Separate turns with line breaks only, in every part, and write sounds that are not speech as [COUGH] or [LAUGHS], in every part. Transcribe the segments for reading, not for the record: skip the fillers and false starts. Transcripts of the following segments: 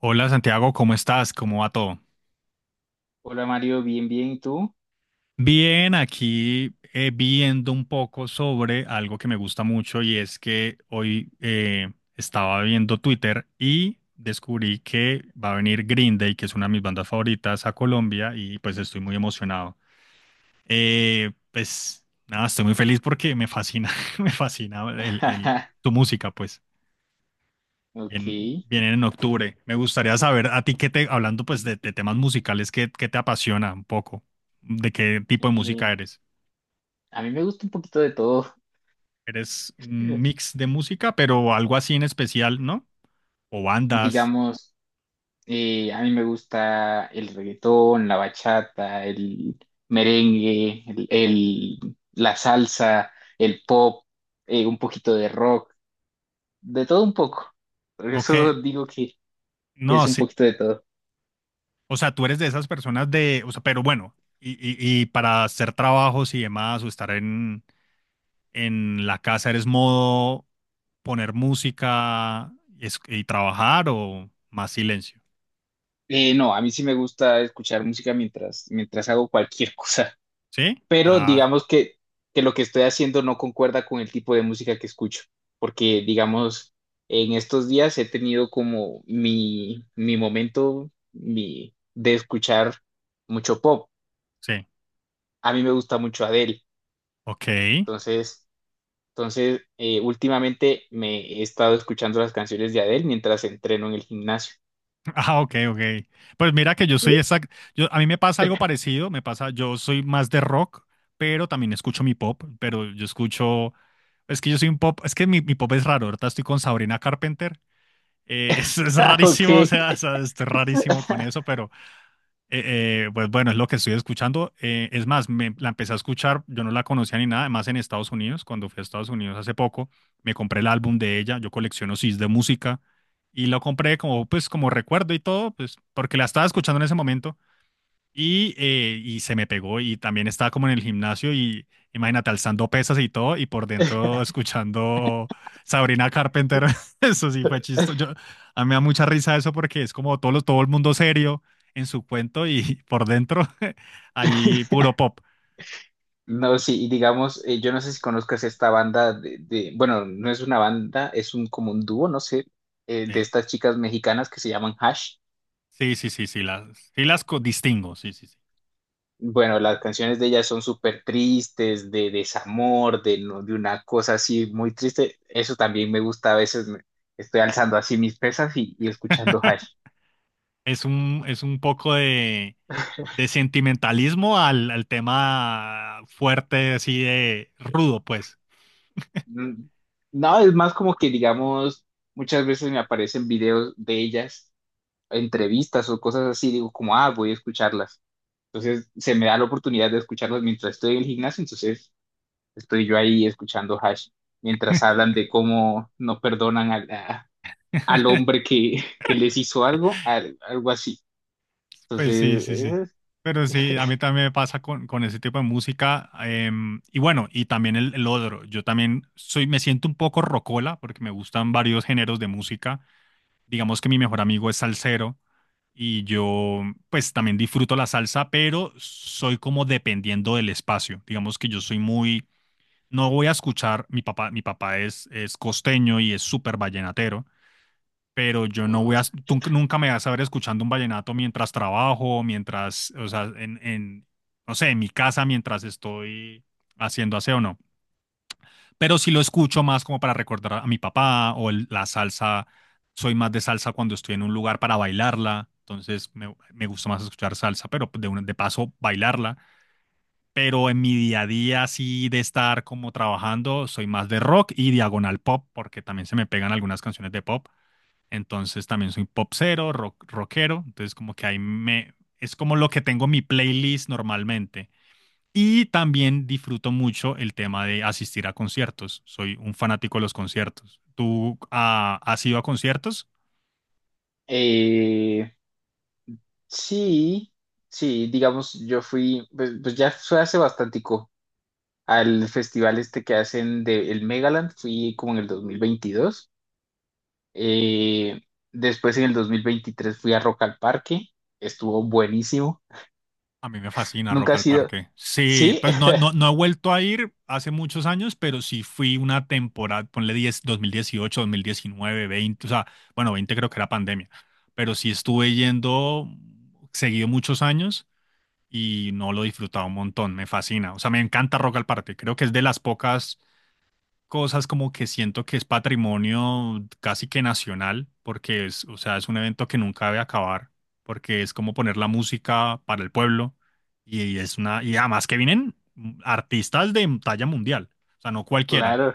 Hola Santiago, ¿cómo estás? ¿Cómo va todo?
Hola Mario, bien, bien, ¿y tú?
Bien, aquí viendo un poco sobre algo que me gusta mucho y es que hoy estaba viendo Twitter y descubrí que va a venir Green Day, que es una de mis bandas favoritas, a Colombia y pues estoy muy emocionado. Pues nada, estoy muy feliz porque me fascina, [LAUGHS] me fascina
[LAUGHS]
tu música, pues.
Ok.
Bien, vienen en octubre. Me gustaría saber a ti qué te, hablando pues de temas musicales, qué te apasiona un poco, de qué tipo de música
eh,
eres.
a mí me gusta un poquito de todo.
¿Eres un
[LAUGHS]
mix de música, pero algo así en especial, no? O bandas,
Digamos, a mí me gusta el reggaetón, la bachata, el merengue, la salsa, el pop, un poquito de rock, de todo un poco. Por
o
eso
qué,
digo que
no,
es un
sí.
poquito de todo.
O sea, tú eres de esas personas de, o sea, pero bueno, y para hacer trabajos y demás, o estar en la casa, ¿eres modo poner música y, y trabajar o más silencio?
No, a mí sí me gusta escuchar música mientras hago cualquier [LAUGHS] cosa.
¿Sí?
Pero
Ah,
digamos que lo que estoy haciendo no concuerda con el tipo de música que escucho, porque digamos, en estos días he tenido como mi momento de escuchar mucho pop.
sí.
A mí me gusta mucho Adele,
Ok. [LAUGHS]
entonces, entonces últimamente me he estado escuchando las canciones de Adele mientras entreno en el gimnasio.
Ah, ok, ok. Pues mira que yo soy exacto. Yo, a mí me pasa algo
[LAUGHS]
parecido. Me pasa, yo soy más de rock, pero también escucho mi pop. Pero yo escucho. Es que yo soy un pop. Es que mi pop es raro. Ahorita estoy con Sabrina Carpenter. [LAUGHS] Es
Ah, ok.
rarísimo, o sea, es rarísimo
[LAUGHS]
con eso, pero. Pues bueno, es lo que estoy escuchando. Es más, la empecé a escuchar, yo no la conocía ni nada, además en Estados Unidos, cuando fui a Estados Unidos hace poco, me compré el álbum de ella, yo colecciono CDs de música y lo compré como pues como recuerdo y todo, pues porque la estaba escuchando en ese momento y se me pegó y también estaba como en el gimnasio y imagínate alzando pesas y todo y por dentro escuchando Sabrina Carpenter. [LAUGHS] Eso sí fue chistoso. A mí me da mucha risa eso porque es como todo, todo el mundo serio en su cuento y [LAUGHS] por dentro [LAUGHS] ahí puro pop.
No, sí, y digamos, yo no sé si conozcas esta banda de, bueno, no es una banda, es un como un dúo, no sé, de
Eh,
estas chicas mexicanas que se llaman Hash.
sí, sí, sí, sí, sí las distingo, sí, sí, sí.
Bueno, las canciones de ellas son súper tristes, de desamor, de, de una cosa así muy triste. Eso también me gusta, a veces estoy alzando así mis pesas y escuchando Hash.
[LAUGHS] Es un poco de sentimentalismo al tema fuerte, así de rudo, pues.
Mm, no, es más como que, digamos, muchas veces me aparecen videos de ellas, entrevistas o cosas así, digo como, ah, voy a escucharlas. Entonces se me da la oportunidad de escucharlos mientras estoy en el gimnasio, entonces estoy yo ahí escuchando Hash, mientras hablan de cómo no perdonan al hombre que, [LAUGHS] que les hizo algo, algo así.
Pues sí,
Entonces,
sí, sí.
es-
Pero sí, a mí también me pasa con ese tipo de música. Y bueno, y también el otro. Me siento un poco rocola porque me gustan varios géneros de música. Digamos que mi mejor amigo es salsero y yo pues también disfruto la salsa, pero soy como dependiendo del espacio. Digamos que yo soy muy, no voy a escuchar, mi papá es costeño y es súper vallenatero, pero yo no voy a, tú nunca me vas a ver escuchando un vallenato mientras trabajo, mientras, o sea, en, no sé, en mi casa, mientras estoy haciendo aseo, no. Pero sí lo escucho más como para recordar a mi papá la salsa. Soy más de salsa cuando estoy en un lugar para bailarla, entonces me gusta más escuchar salsa, pero de paso bailarla. Pero en mi día a día, así de estar como trabajando, soy más de rock y diagonal pop, porque también se me pegan algunas canciones de pop, entonces también soy popsero, rock, rockero. Entonces como que ahí me... Es como lo que tengo en mi playlist normalmente. Y también disfruto mucho el tema de asistir a conciertos. Soy un fanático de los conciertos. ¿Tú has ido a conciertos?
eh, sí, sí, digamos, yo fui, pues, pues ya fue hace bastantico al festival este que hacen de el Megaland, fui como en el 2022. Eh, Después en el 2023 fui a Rock al Parque, estuvo buenísimo.
A mí me fascina Rock
Nunca ha
al
sido.
Parque. Sí,
Sí,
pues no, no,
[LAUGHS]
no he vuelto a ir hace muchos años, pero sí fui una temporada, ponle 10, 2018, 2019, 20, o sea, bueno, 20 creo que era pandemia, pero sí estuve yendo seguido muchos años y no lo he disfrutado un montón, me fascina. O sea, me encanta Rock al Parque, creo que es de las pocas cosas como que siento que es patrimonio casi que nacional, porque es, o sea, es un evento que nunca debe acabar, porque es como poner la música para el pueblo y es una, y además que vienen artistas de talla mundial, o sea, no cualquiera,
claro.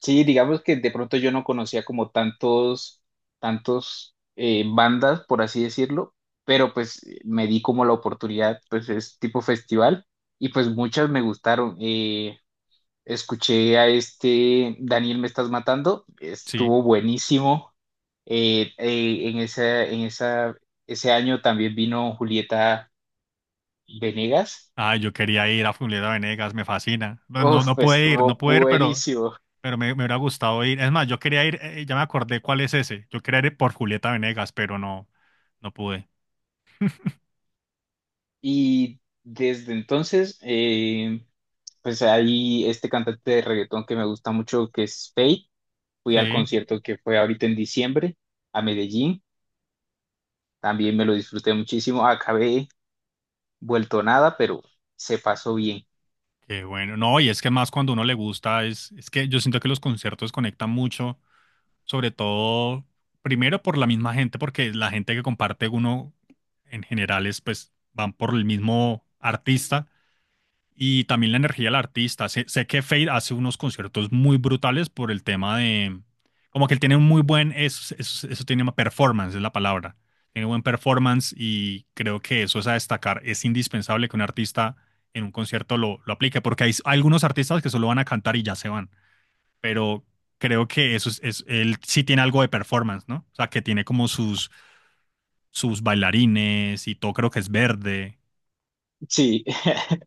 Sí, digamos que de pronto yo no conocía como tantos, tantos bandas, por así decirlo, pero pues me di como la oportunidad, pues es tipo festival y pues muchas me gustaron. Escuché a este Daniel Me Estás Matando,
sí.
estuvo buenísimo. En esa, ese año también vino Julieta Venegas.
Ah, yo quería ir a Julieta Venegas, me fascina. No, no,
Uf,
no
pues
pude ir,
estuvo
no pude ir, pero...
buenísimo.
Pero me hubiera gustado ir. Es más, yo quería ir, ya me acordé cuál es ese. Yo quería ir por Julieta Venegas, pero no, no pude.
Y desde entonces, pues ahí este cantante de reggaetón que me gusta mucho, que es Feid, fui al
Sí,
concierto que fue ahorita en diciembre a Medellín, también me lo disfruté muchísimo, acabé vuelto nada, pero se pasó bien.
qué bueno. No, y es que más cuando uno le gusta, es que yo siento que los conciertos conectan mucho, sobre todo, primero por la misma gente, porque la gente que comparte uno en general es, pues, van por el mismo artista. Y también la energía del artista. Sé que Fade hace unos conciertos muy brutales por el tema de... Como que él tiene un muy buen... Eso tiene una performance, es la palabra. Tiene buen performance y creo que eso es a destacar. Es indispensable que un artista en un concierto lo aplique, porque hay algunos artistas que solo van a cantar y ya se van. Pero creo que él sí tiene algo de performance, ¿no? O sea, que tiene como sus bailarines y todo, creo que es verde.
Sí, [LAUGHS]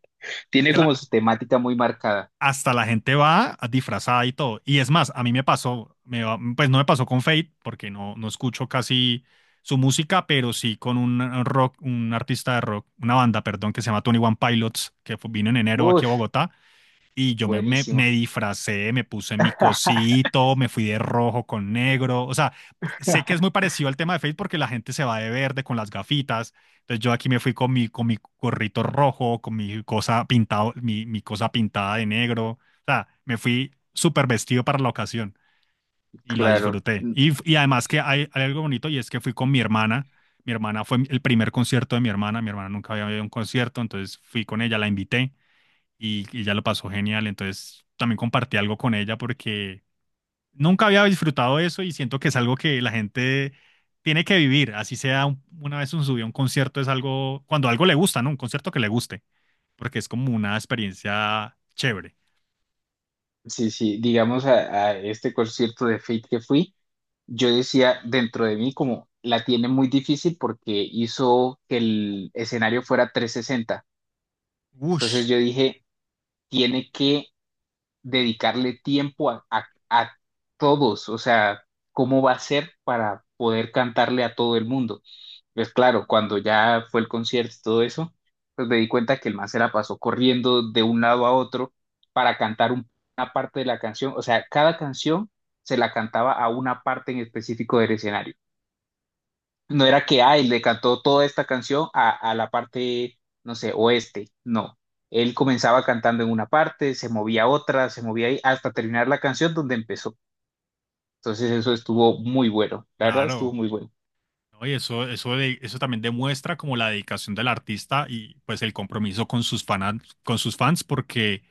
Es
tiene
que
como
la,
su temática muy marcada.
hasta la gente va disfrazada y todo. Y es más, a mí me pasó, pues no me pasó con Fate, porque no, no escucho casi su música, pero sí con un rock, un artista de rock, una banda, perdón, que se llama Tony One Pilots, que vino en enero aquí a
Uf,
Bogotá. Y me
buenísimo.
disfracé, me puse mi
[LAUGHS]
cosito, me fui de rojo con negro. O sea, sé que es muy parecido al tema de Face porque la gente se va de verde con las gafitas. Entonces yo aquí me fui con mi gorrito rojo, con mi cosa pintado, mi cosa pintada de negro. O sea, me fui súper vestido para la ocasión y la
Claro,
disfruté.
mm,
Y además que hay algo bonito y es que fui con mi hermana. Mi hermana fue el primer concierto de mi hermana. Mi hermana nunca había ido a un concierto, entonces fui con ella, la invité y ella lo pasó genial. Entonces también compartí algo con ella porque nunca había disfrutado eso y siento que es algo que la gente tiene que vivir. Así sea una vez un subió a un concierto, es algo, cuando algo le gusta, ¿no? Un concierto que le guste, porque es como una experiencia chévere.
sí, sí, digamos a este concierto de Fate que fui, yo decía dentro de mí como la tiene muy difícil porque hizo que el escenario fuera 360.
Ush,
Entonces yo dije, tiene que dedicarle tiempo a, a todos, o sea, ¿cómo va a ser para poder cantarle a todo el mundo? Pues claro, cuando ya fue el concierto y todo eso, pues me di cuenta que el man se la pasó corriendo de un lado a otro para cantar una parte de la canción, o sea, cada canción se la cantaba a una parte en específico del escenario. No era que, ay, le cantó toda esta canción a la parte, no sé, oeste. No. Él comenzaba cantando en una parte, se movía a otra, se movía ahí, hasta terminar la canción donde empezó. Entonces eso estuvo muy bueno. La verdad estuvo
claro.
muy bueno.
¿No? Y eso, eso también demuestra como la dedicación del artista y pues el compromiso con con sus fans, porque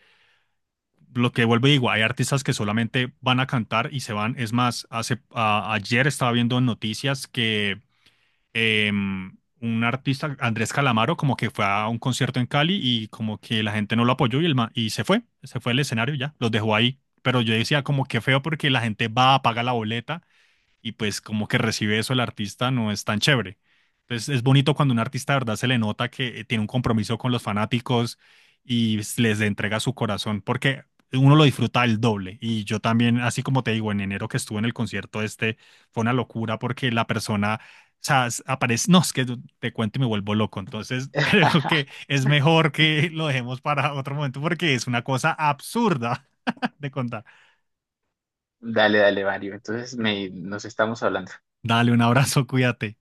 lo que vuelve digo, hay artistas que solamente van a cantar y se van. Es más, ayer estaba viendo en noticias que un artista, Andrés Calamaro, como que fue a un concierto en Cali y como que la gente no lo apoyó y, y se fue del escenario y ya, los dejó ahí. Pero yo decía como que feo porque la gente va, paga la boleta y pues como que recibe eso el artista no es tan chévere. Entonces es bonito cuando un artista de verdad se le nota que tiene un compromiso con los fanáticos y les entrega su corazón, porque uno lo disfruta el doble. Y yo también, así como te digo, en enero que estuve en el concierto este, fue una locura porque la persona, o sea, aparece, no, es que te cuento y me vuelvo loco. Entonces [LAUGHS] creo que
[LAUGHS]
es mejor que lo dejemos para otro momento porque es una cosa absurda [LAUGHS] de contar.
Dale, dale, Mario. Entonces me, nos estamos hablando.
Dale un abrazo, cuídate.